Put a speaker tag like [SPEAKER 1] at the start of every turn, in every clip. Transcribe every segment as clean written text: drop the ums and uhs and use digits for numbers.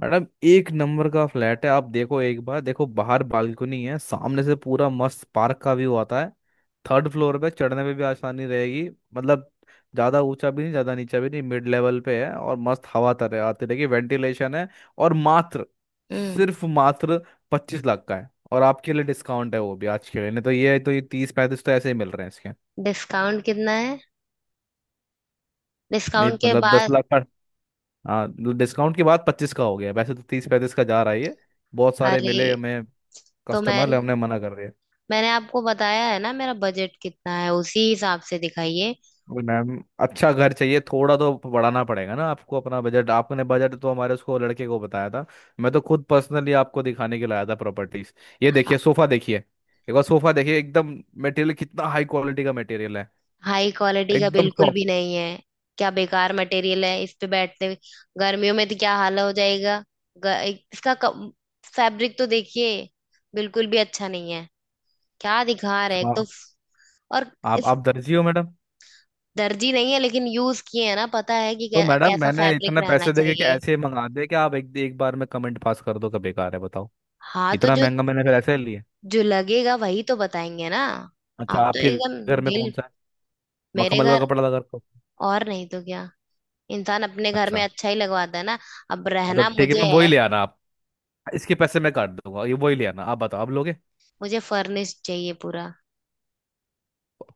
[SPEAKER 1] Madam एक नंबर का फ्लैट है, आप देखो, एक बार देखो। बाहर बालकनी है, सामने से पूरा मस्त पार्क का व्यू आता है। थर्ड फ्लोर पे चढ़ने में भी आसानी रहेगी। मतलब ज्यादा ऊंचा भी नहीं, ज्यादा नीचा भी नहीं, मिड लेवल पे है और मस्त हवा तरह आती रहेगी, वेंटिलेशन है। और मात्र,
[SPEAKER 2] हम्म।
[SPEAKER 1] सिर्फ मात्र 25 लाख का है, और आपके लिए डिस्काउंट है, वो भी आज के लिए। नहीं तो ये 30-35 तो ऐसे ही मिल रहे हैं इसके।
[SPEAKER 2] डिस्काउंट कितना है?
[SPEAKER 1] नहीं
[SPEAKER 2] डिस्काउंट के
[SPEAKER 1] मतलब, दस
[SPEAKER 2] बाद?
[SPEAKER 1] लाख का। हाँ, डिस्काउंट के बाद 25 का हो गया, वैसे तो 30-35 का जा रहा है ये। बहुत सारे
[SPEAKER 2] अरे,
[SPEAKER 1] मिले हमें
[SPEAKER 2] तो मैं
[SPEAKER 1] कस्टमर, ने हमने मना कर दिया।
[SPEAKER 2] मैंने आपको बताया है ना, मेरा बजट कितना है, उसी हिसाब से दिखाइए।
[SPEAKER 1] बोले, मैम अच्छा घर चाहिए, थोड़ा तो बढ़ाना पड़ेगा ना आपको अपना बजट। आपने बजट तो हमारे उसको लड़के को बताया था, मैं तो खुद पर्सनली आपको दिखाने के लिए आया था प्रॉपर्टीज। ये देखिए सोफा, देखिए एक बार सोफा देखिए, एकदम। मटेरियल कितना हाई क्वालिटी का मटेरियल है।
[SPEAKER 2] हाई क्वालिटी का
[SPEAKER 1] एकदम
[SPEAKER 2] बिल्कुल
[SPEAKER 1] सॉफ्ट।
[SPEAKER 2] भी नहीं है। क्या बेकार मटेरियल है, इस पे बैठते गर्मियों में तो क्या हाल हो जाएगा। इसका फैब्रिक तो देखिए, बिल्कुल भी अच्छा नहीं है। क्या दिखा रहे हैं तो।
[SPEAKER 1] हाँ।
[SPEAKER 2] और
[SPEAKER 1] आप
[SPEAKER 2] इस
[SPEAKER 1] आप दर्जी हो मैडम?
[SPEAKER 2] दर्जी नहीं है, लेकिन यूज किए हैं ना, पता है कि
[SPEAKER 1] तो मैडम,
[SPEAKER 2] कैसा
[SPEAKER 1] मैंने
[SPEAKER 2] फैब्रिक
[SPEAKER 1] इतने
[SPEAKER 2] रहना
[SPEAKER 1] पैसे देके कि
[SPEAKER 2] चाहिए।
[SPEAKER 1] ऐसे ही मंगा दे कि आप एक एक बार में कमेंट पास कर दो कि बेकार है, बताओ।
[SPEAKER 2] हाँ, तो
[SPEAKER 1] इतना
[SPEAKER 2] जो
[SPEAKER 1] महंगा मैंने फिर ऐसे ही लिया?
[SPEAKER 2] जो लगेगा वही तो बताएंगे ना।
[SPEAKER 1] अच्छा,
[SPEAKER 2] आप तो
[SPEAKER 1] आपके
[SPEAKER 2] एकदम
[SPEAKER 1] घर में
[SPEAKER 2] दिल,
[SPEAKER 1] कौन सा है?
[SPEAKER 2] मेरे
[SPEAKER 1] मखमल का
[SPEAKER 2] घर।
[SPEAKER 1] कपड़ा लगा रखा है?
[SPEAKER 2] और नहीं तो क्या, इंसान अपने घर में
[SPEAKER 1] अच्छा।
[SPEAKER 2] अच्छा ही लगवाता है ना। अब
[SPEAKER 1] तो
[SPEAKER 2] रहना
[SPEAKER 1] ठीक है
[SPEAKER 2] मुझे
[SPEAKER 1] मैम,
[SPEAKER 2] है।
[SPEAKER 1] वही ले आना आप। इसके पैसे मैं काट दूंगा, ये वही ले आना आप, बताओ आप लोगे?
[SPEAKER 2] मुझे फर्निश चाहिए पूरा।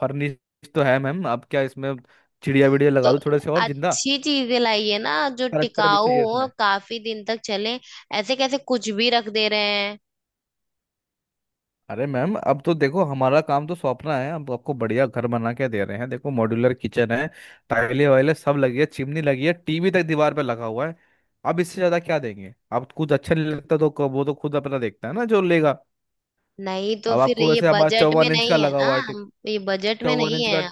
[SPEAKER 1] फर्निश? तो है मैम, अब क्या इसमें चिड़िया विड़िया
[SPEAKER 2] तो
[SPEAKER 1] लगा दूं थोड़े से, और जिंदा
[SPEAKER 2] अच्छी चीजें लाइए ना, जो
[SPEAKER 1] करेक्टर भी
[SPEAKER 2] टिकाऊ
[SPEAKER 1] चाहिए
[SPEAKER 2] हो,
[SPEAKER 1] इसमें?
[SPEAKER 2] काफी दिन तक चले। ऐसे कैसे कुछ भी रख दे रहे हैं।
[SPEAKER 1] अरे मैम, अब तो देखो, हमारा काम तो सौंपना है, अब आपको बढ़िया घर बना के दे रहे हैं। देखो, मॉड्यूलर किचन है, टाइले वाइले सब लगी है, चिमनी लगी है, टीवी तक दीवार पे लगा हुआ है। अब इससे ज्यादा क्या देंगे। अब कुछ अच्छा नहीं लगता तो वो तो खुद अपना देखता है ना जो लेगा।
[SPEAKER 2] नहीं तो
[SPEAKER 1] अब
[SPEAKER 2] फिर
[SPEAKER 1] आपको
[SPEAKER 2] ये
[SPEAKER 1] वैसे हमारा
[SPEAKER 2] बजट में
[SPEAKER 1] 54 इंच का
[SPEAKER 2] नहीं है
[SPEAKER 1] लगा
[SPEAKER 2] ना,
[SPEAKER 1] हुआ है
[SPEAKER 2] हम ये बजट में
[SPEAKER 1] चौवन
[SPEAKER 2] नहीं
[SPEAKER 1] इंच
[SPEAKER 2] है।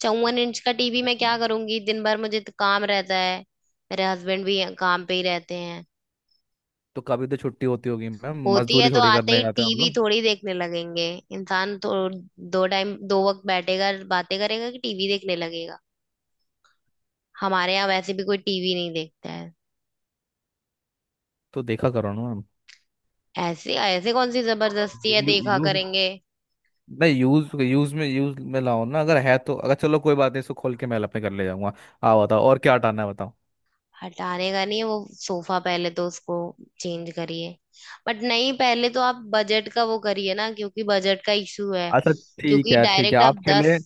[SPEAKER 2] 54 इंच का टीवी
[SPEAKER 1] का।
[SPEAKER 2] मैं क्या करूंगी, दिन भर मुझे तो काम रहता है। मेरे हस्बैंड भी काम पे ही रहते हैं।
[SPEAKER 1] तो कभी तो छुट्टी होती होगी मैम,
[SPEAKER 2] होती है
[SPEAKER 1] मजदूरी
[SPEAKER 2] तो
[SPEAKER 1] थोड़ी
[SPEAKER 2] आते
[SPEAKER 1] करने
[SPEAKER 2] ही
[SPEAKER 1] जाते हैं हम
[SPEAKER 2] टीवी
[SPEAKER 1] लोग।
[SPEAKER 2] थोड़ी देखने लगेंगे। इंसान तो दो टाइम दो वक्त बैठेगा बातें करेगा कि टीवी देखने लगेगा। हमारे यहाँ वैसे भी कोई टीवी नहीं देखता है।
[SPEAKER 1] तो देखा करो ना मैम।
[SPEAKER 2] ऐसे ऐसे कौन सी जबरदस्ती है, देखा
[SPEAKER 1] यूज
[SPEAKER 2] करेंगे।
[SPEAKER 1] नहीं, यूज यूज में लाओ ना, अगर है तो। अगर चलो कोई बात नहीं, इसको खोल के मैं अपने घर ले जाऊंगा। आओ बताओ, और क्या हटाना है बताओ।
[SPEAKER 2] हटाने का नहीं है वो सोफा, पहले तो उसको चेंज करिए। बट नहीं, पहले तो आप बजट का वो करिए ना, क्योंकि बजट का इशू है।
[SPEAKER 1] अच्छा, ठीक
[SPEAKER 2] क्योंकि
[SPEAKER 1] है, ठीक है
[SPEAKER 2] डायरेक्ट आप
[SPEAKER 1] आपके
[SPEAKER 2] दस
[SPEAKER 1] लिए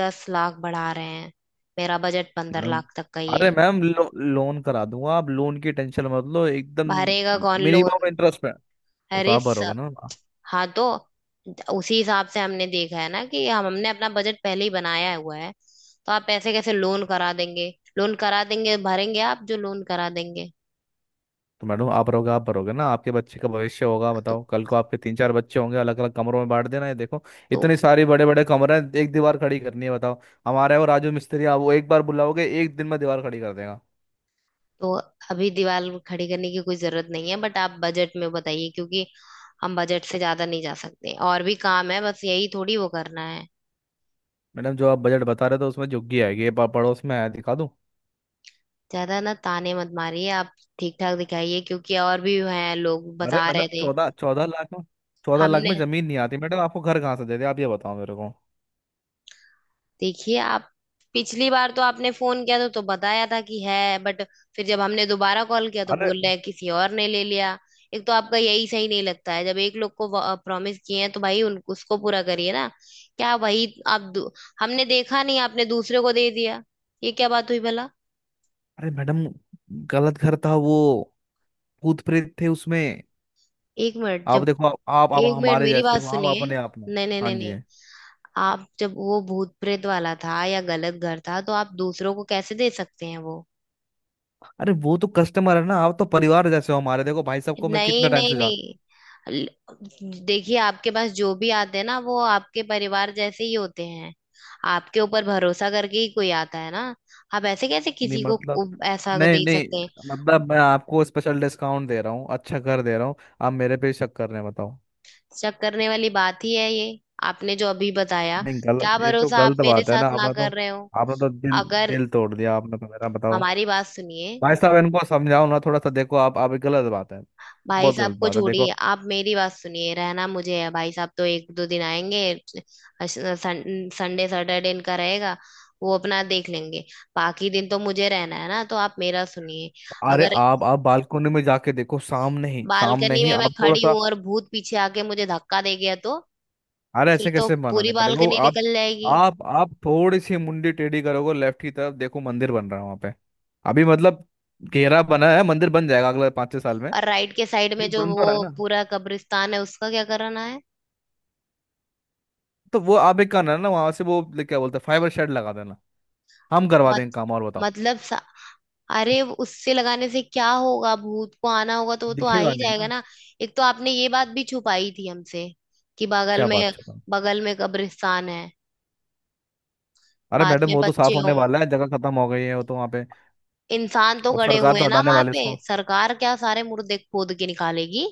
[SPEAKER 2] दस लाख बढ़ा रहे हैं। मेरा बजट पंद्रह
[SPEAKER 1] मैम।
[SPEAKER 2] लाख तक का ही है।
[SPEAKER 1] अरे मैम, लोन करा दूंगा, आप लोन की टेंशन मत लो एकदम,
[SPEAKER 2] भरेगा कौन
[SPEAKER 1] मिनिमम
[SPEAKER 2] लोन?
[SPEAKER 1] इंटरेस्ट पे। वो तो
[SPEAKER 2] अरे
[SPEAKER 1] आप
[SPEAKER 2] स-
[SPEAKER 1] भरोगे ना।
[SPEAKER 2] हाँ, तो उसी हिसाब से हमने देखा है ना, कि हम हमने अपना बजट पहले ही बनाया हुआ है। तो आप पैसे कैसे लोन करा देंगे? लोन करा देंगे, भरेंगे आप जो लोन करा देंगे।
[SPEAKER 1] तो मैडम, आप रहोगे, आप भरोगे ना। आपके बच्चे का भविष्य होगा,
[SPEAKER 2] तो
[SPEAKER 1] बताओ कल को आपके तीन चार बच्चे होंगे, अलग अलग कमरों में बांट देना है। देखो,
[SPEAKER 2] तो
[SPEAKER 1] इतने सारे बड़े बड़े कमरे हैं, एक दीवार खड़ी करनी है बताओ। हमारे और राजू मिस्त्री आप वो एक बार बुलाओगे, एक दिन में दीवार खड़ी कर देगा।
[SPEAKER 2] तो अभी दीवार खड़ी करने की कोई जरूरत नहीं है, बट आप बजट में बताइए, क्योंकि हम बजट से ज्यादा नहीं जा सकते, और भी काम है, बस यही थोड़ी वो करना है।
[SPEAKER 1] मैडम, जो आप बजट बता रहे थे उसमें झुग्गी आएगी, ये पड़ोस में आया, दिखा दूं?
[SPEAKER 2] ज्यादा ना ताने मत मारिए आप। ठीक ठाक दिखाइए, क्योंकि और भी हैं, लोग
[SPEAKER 1] अरे
[SPEAKER 2] बता
[SPEAKER 1] मैडम,
[SPEAKER 2] रहे थे।
[SPEAKER 1] चौदह चौदह लाख में, 14 लाख
[SPEAKER 2] हमने
[SPEAKER 1] में जमीन नहीं आती मैडम, आपको घर कहाँ से दे दे। आप ये बताओ मेरे को।
[SPEAKER 2] देखिए, आप पिछली बार तो आपने फोन किया तो बताया था कि है, बट फिर जब हमने दोबारा कॉल किया तो
[SPEAKER 1] अरे।
[SPEAKER 2] बोल रहे हैं किसी और ने ले लिया। एक तो आपका यही सही नहीं लगता है, जब एक लोग को प्रॉमिस किए हैं तो भाई उन उसको पूरा करिए ना। क्या वही आप दू- हमने देखा नहीं, आपने दूसरे को दे दिया। ये क्या बात हुई भला।
[SPEAKER 1] अरे मैडम, गलत घर था वो, भूत प्रेत थे उसमें।
[SPEAKER 2] एक मिनट
[SPEAKER 1] आप
[SPEAKER 2] जब
[SPEAKER 1] देखो, आप
[SPEAKER 2] एक मिनट
[SPEAKER 1] हमारे
[SPEAKER 2] मेरी
[SPEAKER 1] जैसे,
[SPEAKER 2] बात
[SPEAKER 1] देखो आप
[SPEAKER 2] सुनिए।
[SPEAKER 1] अपने आप में।
[SPEAKER 2] नहीं, नहीं,
[SPEAKER 1] हाँ
[SPEAKER 2] नहीं,
[SPEAKER 1] जी।
[SPEAKER 2] नहीं। आप जब वो भूत प्रेत वाला था या गलत घर था, तो आप दूसरों को कैसे दे सकते हैं वो।
[SPEAKER 1] अरे वो तो कस्टमर है ना, आप तो परिवार जैसे हो हमारे। देखो भाई साहब को मैं कितने
[SPEAKER 2] नहीं,
[SPEAKER 1] टाइम
[SPEAKER 2] नहीं,
[SPEAKER 1] से जानता।
[SPEAKER 2] नहीं। देखिए, आपके पास जो भी आते हैं ना, वो आपके परिवार जैसे ही होते हैं। आपके ऊपर भरोसा करके ही कोई आता है ना। आप ऐसे कैसे
[SPEAKER 1] नहीं
[SPEAKER 2] किसी को
[SPEAKER 1] मतलब।
[SPEAKER 2] को ऐसा
[SPEAKER 1] नहीं
[SPEAKER 2] दे
[SPEAKER 1] नहीं।
[SPEAKER 2] सकते हैं।
[SPEAKER 1] मतलब मैं आपको स्पेशल डिस्काउंट दे रहा हूँ, अच्छा कर दे रहा हूँ। आप मेरे पे शक कर रहे हैं बताओ?
[SPEAKER 2] शक करने वाली बात ही है ये, आपने जो अभी बताया।
[SPEAKER 1] नहीं गलत,
[SPEAKER 2] क्या
[SPEAKER 1] ये तो
[SPEAKER 2] भरोसा, आप
[SPEAKER 1] गलत
[SPEAKER 2] मेरे
[SPEAKER 1] बात है ना,
[SPEAKER 2] साथ ना
[SPEAKER 1] आपने तो।
[SPEAKER 2] कर रहे हो।
[SPEAKER 1] आपने तो दिल
[SPEAKER 2] अगर
[SPEAKER 1] दिल तोड़ दिया, आपने तो मेरा बताओ।
[SPEAKER 2] हमारी बात सुनिए।
[SPEAKER 1] भाई साहब, इनको समझाओ ना थोड़ा सा। देखो आप, ये गलत बात है,
[SPEAKER 2] भाई
[SPEAKER 1] बहुत
[SPEAKER 2] साहब
[SPEAKER 1] गलत
[SPEAKER 2] को
[SPEAKER 1] बात है
[SPEAKER 2] छोड़िए,
[SPEAKER 1] देखो।
[SPEAKER 2] आप मेरी बात सुनिए। रहना मुझे है, भाई साहब तो एक दो दिन आएंगे। अश- संडे सैटरडे इनका रहेगा, वो अपना देख लेंगे। बाकी दिन तो मुझे रहना है ना, तो आप मेरा सुनिए।
[SPEAKER 1] अरे,
[SPEAKER 2] अगर
[SPEAKER 1] आप बालकनी में जाके देखो, सामने
[SPEAKER 2] बालकनी
[SPEAKER 1] ही
[SPEAKER 2] में मैं
[SPEAKER 1] आप थोड़ा
[SPEAKER 2] खड़ी
[SPEAKER 1] सा।
[SPEAKER 2] हूं और भूत पीछे आके मुझे धक्का दे गया तो
[SPEAKER 1] अरे ऐसे
[SPEAKER 2] फिर तो
[SPEAKER 1] कैसे बना
[SPEAKER 2] पूरी
[SPEAKER 1] देगा, देखो
[SPEAKER 2] बालकनी
[SPEAKER 1] आप।
[SPEAKER 2] निकल जाएगी।
[SPEAKER 1] आप थोड़ी सी मुंडी टेढ़ी करोगे, लेफ्ट की तरफ देखो, मंदिर बन रहा है वहां पे। अभी मतलब घेरा बना है, मंदिर बन जाएगा अगले 5-6 साल में।
[SPEAKER 2] और राइट के साइड में
[SPEAKER 1] ये
[SPEAKER 2] जो
[SPEAKER 1] बन तो
[SPEAKER 2] वो
[SPEAKER 1] रहा है ना।
[SPEAKER 2] पूरा कब्रिस्तान है, उसका क्या कराना है।
[SPEAKER 1] तो वो आप एक करना है ना, वहां से वो क्या बोलते हैं, फाइबर शेड लगा देना। हम करवा
[SPEAKER 2] मत,
[SPEAKER 1] देंगे काम, और बताओ।
[SPEAKER 2] मतलब, अरे वो उससे लगाने से क्या होगा, भूत को आना होगा तो वो तो आ
[SPEAKER 1] दिखेगा
[SPEAKER 2] ही
[SPEAKER 1] नहीं
[SPEAKER 2] जाएगा
[SPEAKER 1] ना।
[SPEAKER 2] ना। एक तो आपने ये बात भी छुपाई थी हमसे, कि बगल
[SPEAKER 1] क्या
[SPEAKER 2] में
[SPEAKER 1] बात छुपा है?
[SPEAKER 2] बगल में कब्रिस्तान है।
[SPEAKER 1] अरे
[SPEAKER 2] बाद
[SPEAKER 1] मैडम,
[SPEAKER 2] में
[SPEAKER 1] वो तो
[SPEAKER 2] बच्चे
[SPEAKER 1] साफ होने
[SPEAKER 2] होंगे,
[SPEAKER 1] वाला है, जगह खत्म हो गई है वो तो वहां पे।
[SPEAKER 2] इंसान तो
[SPEAKER 1] और
[SPEAKER 2] गड़े
[SPEAKER 1] सरकार
[SPEAKER 2] हुए
[SPEAKER 1] तो
[SPEAKER 2] हैं ना
[SPEAKER 1] हटाने
[SPEAKER 2] वहां
[SPEAKER 1] वाले
[SPEAKER 2] पे,
[SPEAKER 1] इसको।
[SPEAKER 2] सरकार क्या सारे मुर्दे खोद के निकालेगी।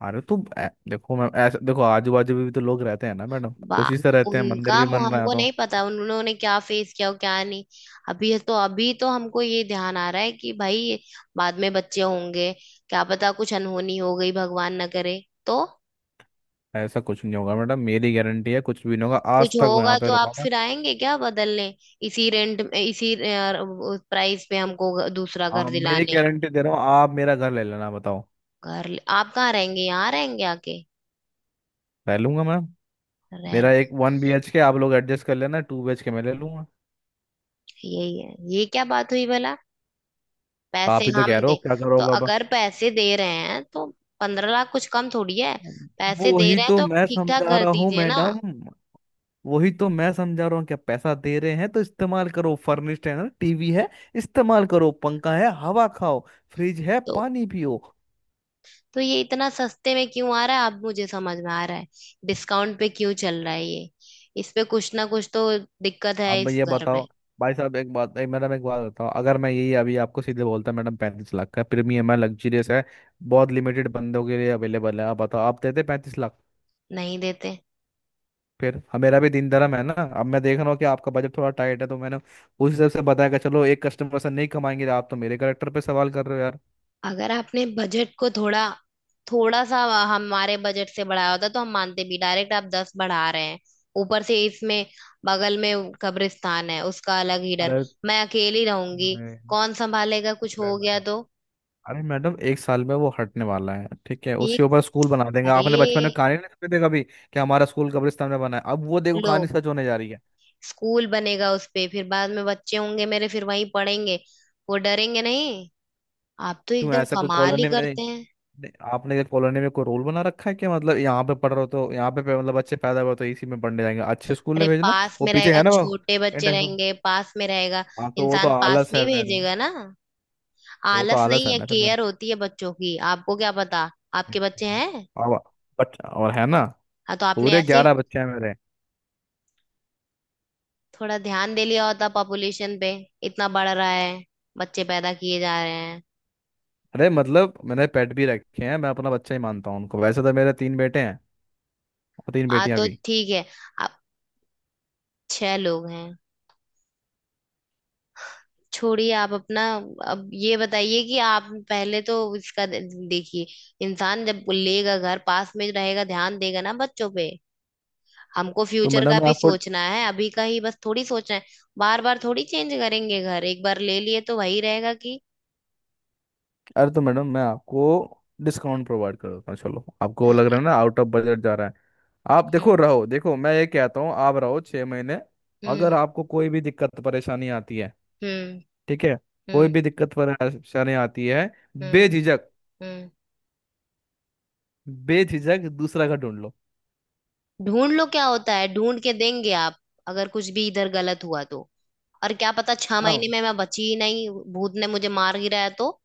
[SPEAKER 1] अरे देखो मैम, ऐसे देखो, आजू बाजू भी तो लोग रहते हैं ना मैडम,
[SPEAKER 2] बा
[SPEAKER 1] खुशी से रहते हैं, मंदिर भी बन रहा है
[SPEAKER 2] हमको
[SPEAKER 1] तो।
[SPEAKER 2] नहीं पता उन्होंने क्या फेस किया और क्या नहीं। अभी तो हमको ये ध्यान आ रहा है कि भाई, बाद में बच्चे होंगे, क्या पता कुछ अनहोनी हो गई, भगवान ना करे तो।
[SPEAKER 1] ऐसा कुछ नहीं होगा मैडम, मेरी गारंटी है, कुछ भी नहीं होगा,
[SPEAKER 2] कुछ
[SPEAKER 1] आज तक वो
[SPEAKER 2] होगा
[SPEAKER 1] यहाँ पे
[SPEAKER 2] तो आप
[SPEAKER 1] रुका मैं।
[SPEAKER 2] फिर आएंगे क्या बदलने, इसी रेंट में इसी प्राइस पे हमको दूसरा घर
[SPEAKER 1] आप मेरी
[SPEAKER 2] दिलाने।
[SPEAKER 1] गारंटी दे रहा हूँ, आप मेरा घर ले लेना बताओ।
[SPEAKER 2] आप कहाँ रहेंगे, यहाँ रहेंगे आके?
[SPEAKER 1] ले लूंगा मैम,
[SPEAKER 2] रह
[SPEAKER 1] मेरा
[SPEAKER 2] लो।
[SPEAKER 1] एक 1 BHK आप लोग एडजस्ट कर लेना, 2 BHK मैं ले लूंगा।
[SPEAKER 2] यही है, ये क्या बात हुई भला। पैसे
[SPEAKER 1] आप ही तो
[SPEAKER 2] हम
[SPEAKER 1] कह रहे
[SPEAKER 2] दे,
[SPEAKER 1] हो, क्या
[SPEAKER 2] तो
[SPEAKER 1] करोगे अब।
[SPEAKER 2] अगर पैसे दे रहे हैं तो 15 लाख कुछ कम थोड़ी है। पैसे दे
[SPEAKER 1] वही
[SPEAKER 2] रहे हैं
[SPEAKER 1] तो
[SPEAKER 2] तो
[SPEAKER 1] मैं
[SPEAKER 2] ठीक ठाक
[SPEAKER 1] समझा
[SPEAKER 2] घर
[SPEAKER 1] रहा हूँ
[SPEAKER 2] दीजिए ना।
[SPEAKER 1] मैडम, वही तो मैं समझा रहा हूँ क्या? पैसा दे रहे हैं तो इस्तेमाल करो, फर्निश्ड है ना, टीवी है, इस्तेमाल करो, पंखा है हवा खाओ, फ्रिज है
[SPEAKER 2] तो
[SPEAKER 1] पानी पियो।
[SPEAKER 2] तो ये इतना सस्ते में क्यों आ रहा है, अब मुझे समझ में आ रहा है, डिस्काउंट पे क्यों चल रहा है ये। इस पे कुछ ना कुछ तो दिक्कत
[SPEAKER 1] अब
[SPEAKER 2] है
[SPEAKER 1] मैं
[SPEAKER 2] इस
[SPEAKER 1] ये
[SPEAKER 2] घर में।
[SPEAKER 1] बताओ भाई साहब, एक मैडम, एक बात बताओ, अगर मैं यही अभी आपको सीधे बोलता मैडम 35 लाख का प्रीमियम है, लग्जरियस है, बहुत लिमिटेड बंदों के लिए अवेलेबल है, आप बताओ आप देते 35 लाख?
[SPEAKER 2] नहीं देते।
[SPEAKER 1] फिर अब मेरा भी दिन धर्म है ना। अब मैं देख रहा हूँ कि आपका बजट थोड़ा टाइट है तो मैंने उस हिसाब से बताया कि चलो एक कस्टमर से नहीं कमाएंगे, आप तो मेरे करेक्टर पे सवाल कर रहे हो यार।
[SPEAKER 2] अगर आपने बजट को थोड़ा, थोड़ा सा हमारे बजट से बढ़ाया होता तो हम मानते भी, डायरेक्ट आप दस बढ़ा रहे हैं। ऊपर से इसमें बगल में कब्रिस्तान है, उसका अलग ही डर।
[SPEAKER 1] अरे,
[SPEAKER 2] मैं अकेली रहूंगी,
[SPEAKER 1] अरे,
[SPEAKER 2] कौन संभालेगा कुछ
[SPEAKER 1] अरे
[SPEAKER 2] हो गया
[SPEAKER 1] मैडम,
[SPEAKER 2] तो।
[SPEAKER 1] अरे मैडम, 1 साल में वो हटने वाला है, ठीक है, उसके
[SPEAKER 2] एक
[SPEAKER 1] ऊपर स्कूल बना देंगे।
[SPEAKER 2] अरे
[SPEAKER 1] आपने बचपन में कहानी नहीं सुनी थी कभी कि हमारा स्कूल कब्रिस्तान में बना है? अब वो देखो
[SPEAKER 2] लो,
[SPEAKER 1] कहानी सच होने जा रही है।
[SPEAKER 2] स्कूल बनेगा उस पे, फिर बाद में बच्चे होंगे मेरे, फिर वहीं पढ़ेंगे। वो डरेंगे नहीं। आप तो
[SPEAKER 1] क्यों,
[SPEAKER 2] एकदम
[SPEAKER 1] ऐसा कोई
[SPEAKER 2] कमाल ही
[SPEAKER 1] कॉलोनी में
[SPEAKER 2] करते
[SPEAKER 1] नहीं,
[SPEAKER 2] हैं।
[SPEAKER 1] आपने कॉलोनी में कोई रोल बना रखा है क्या? मतलब यहाँ पे पढ़ रहे हो तो यहाँ पे पे- मतलब अच्छे पैदा हुए हो तो इसी में पढ़ने जाएंगे, अच्छे स्कूल
[SPEAKER 2] अरे,
[SPEAKER 1] में भेजना।
[SPEAKER 2] पास
[SPEAKER 1] वो
[SPEAKER 2] में
[SPEAKER 1] पीछे
[SPEAKER 2] रहेगा,
[SPEAKER 1] है ना वो
[SPEAKER 2] छोटे बच्चे
[SPEAKER 1] इंटर्नशिप।
[SPEAKER 2] रहेंगे, पास में रहेगा।
[SPEAKER 1] हाँ तो वो तो
[SPEAKER 2] इंसान पास
[SPEAKER 1] आलस
[SPEAKER 2] में ही
[SPEAKER 1] है फिर।
[SPEAKER 2] भेजेगा ना।
[SPEAKER 1] वो तो
[SPEAKER 2] आलस
[SPEAKER 1] आलस
[SPEAKER 2] नहीं
[SPEAKER 1] है
[SPEAKER 2] है,
[SPEAKER 1] ना फिर मेरा,
[SPEAKER 2] केयर होती है बच्चों की, आपको क्या पता। आपके बच्चे हैं?
[SPEAKER 1] अब बट और है ना,
[SPEAKER 2] हाँ, तो आपने
[SPEAKER 1] पूरे
[SPEAKER 2] ऐसे ही
[SPEAKER 1] 11 बच्चे हैं मेरे।
[SPEAKER 2] थोड़ा ध्यान दे लिया होता पॉपुलेशन पे, इतना बढ़ रहा है, बच्चे पैदा किए जा रहे हैं।
[SPEAKER 1] अरे मतलब मैंने पेट भी रखे हैं, मैं अपना बच्चा ही मानता हूँ उनको। वैसे तो मेरे तीन बेटे हैं, और तीन
[SPEAKER 2] हाँ,
[SPEAKER 1] बेटियां
[SPEAKER 2] तो
[SPEAKER 1] भी।
[SPEAKER 2] ठीक है। आप छह लोग हैं। छोड़िए आप अपना। अब ये बताइए कि आप, पहले तो इसका देखिए, इंसान जब लेगा घर, पास में रहेगा, ध्यान देगा ना बच्चों पे। हमको
[SPEAKER 1] तो
[SPEAKER 2] फ्यूचर का
[SPEAKER 1] मैडम मैं
[SPEAKER 2] भी
[SPEAKER 1] आपको
[SPEAKER 2] सोचना है, अभी का ही बस थोड़ी सोचना है। बार बार थोड़ी चेंज करेंगे घर, एक बार ले लिए तो वही रहेगा कि।
[SPEAKER 1] अरे तो मैडम मैं आपको डिस्काउंट प्रोवाइड कर देता हूँ, चलो आपको वो लग रहा है ना आउट ऑफ बजट जा रहा है। आप
[SPEAKER 2] हम्म।
[SPEAKER 1] देखो, रहो, देखो मैं ये कहता हूँ, आप रहो 6 महीने।
[SPEAKER 2] हम्म।
[SPEAKER 1] अगर आपको कोई भी दिक्कत परेशानी आती है,
[SPEAKER 2] हम्म।
[SPEAKER 1] ठीक है, कोई
[SPEAKER 2] हम्म।
[SPEAKER 1] भी दिक्कत परेशानी आती है,
[SPEAKER 2] हम्म।
[SPEAKER 1] बेझिझक,
[SPEAKER 2] हम्म।
[SPEAKER 1] बेझिझक दूसरा का ढूंढ लो।
[SPEAKER 2] ढूंढ लो क्या होता है, ढूंढ के देंगे आप? अगर कुछ भी इधर गलत हुआ तो, और क्या पता 6 महीने
[SPEAKER 1] हम
[SPEAKER 2] में मैं बची ही नहीं, भूत ने मुझे मार गिराया है तो।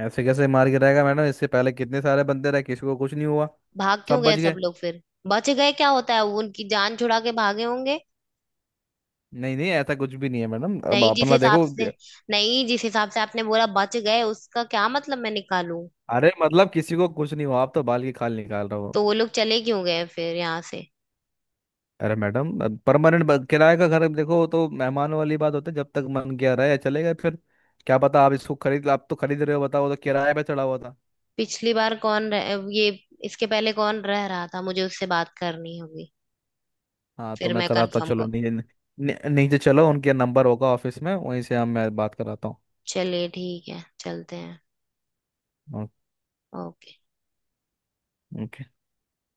[SPEAKER 1] ऐसे कैसे मार के रहेगा मैडम, इससे पहले कितने सारे बंदे रहे, किसी को कुछ नहीं हुआ।
[SPEAKER 2] भाग क्यों
[SPEAKER 1] सब
[SPEAKER 2] गए
[SPEAKER 1] बच
[SPEAKER 2] सब
[SPEAKER 1] गए।
[SPEAKER 2] लोग फिर? बच गए क्या होता है, वो उनकी जान छुड़ा के भागे होंगे।
[SPEAKER 1] नहीं नहीं, ऐसा कुछ भी नहीं है मैडम, अब
[SPEAKER 2] नहीं जिस
[SPEAKER 1] अपना
[SPEAKER 2] हिसाब
[SPEAKER 1] देखो।
[SPEAKER 2] से नहीं, जिस हिसाब से आपने बोला बच गए, उसका क्या मतलब मैं निकालूं।
[SPEAKER 1] अरे मतलब किसी को कुछ नहीं हुआ, आप तो बाल की खाल निकाल रहे
[SPEAKER 2] तो
[SPEAKER 1] हो।
[SPEAKER 2] वो लोग चले क्यों गए फिर यहाँ से?
[SPEAKER 1] अरे मैडम, परमानेंट किराए का घर देखो तो मेहमानों वाली बात होती है, जब तक मन किया रहे, चले गए फिर। क्या पता, आप इसको खरीद, आप तो खरीद रहे हो बताओ, तो किराए पे चढ़ा हुआ था।
[SPEAKER 2] पिछली बार कौन ये इसके पहले कौन रह रहा था, मुझे उससे बात करनी होगी।
[SPEAKER 1] हाँ तो
[SPEAKER 2] फिर
[SPEAKER 1] मैं
[SPEAKER 2] मैं
[SPEAKER 1] कराता,
[SPEAKER 2] कंफर्म
[SPEAKER 1] चलो
[SPEAKER 2] कर
[SPEAKER 1] नीचे, नीचे चलो, उनके नंबर होगा ऑफिस में, वहीं से हम, मैं बात कराता
[SPEAKER 2] चलिए, ठीक है, चलते हैं।
[SPEAKER 1] हूँ।
[SPEAKER 2] ओके।
[SPEAKER 1] ओके।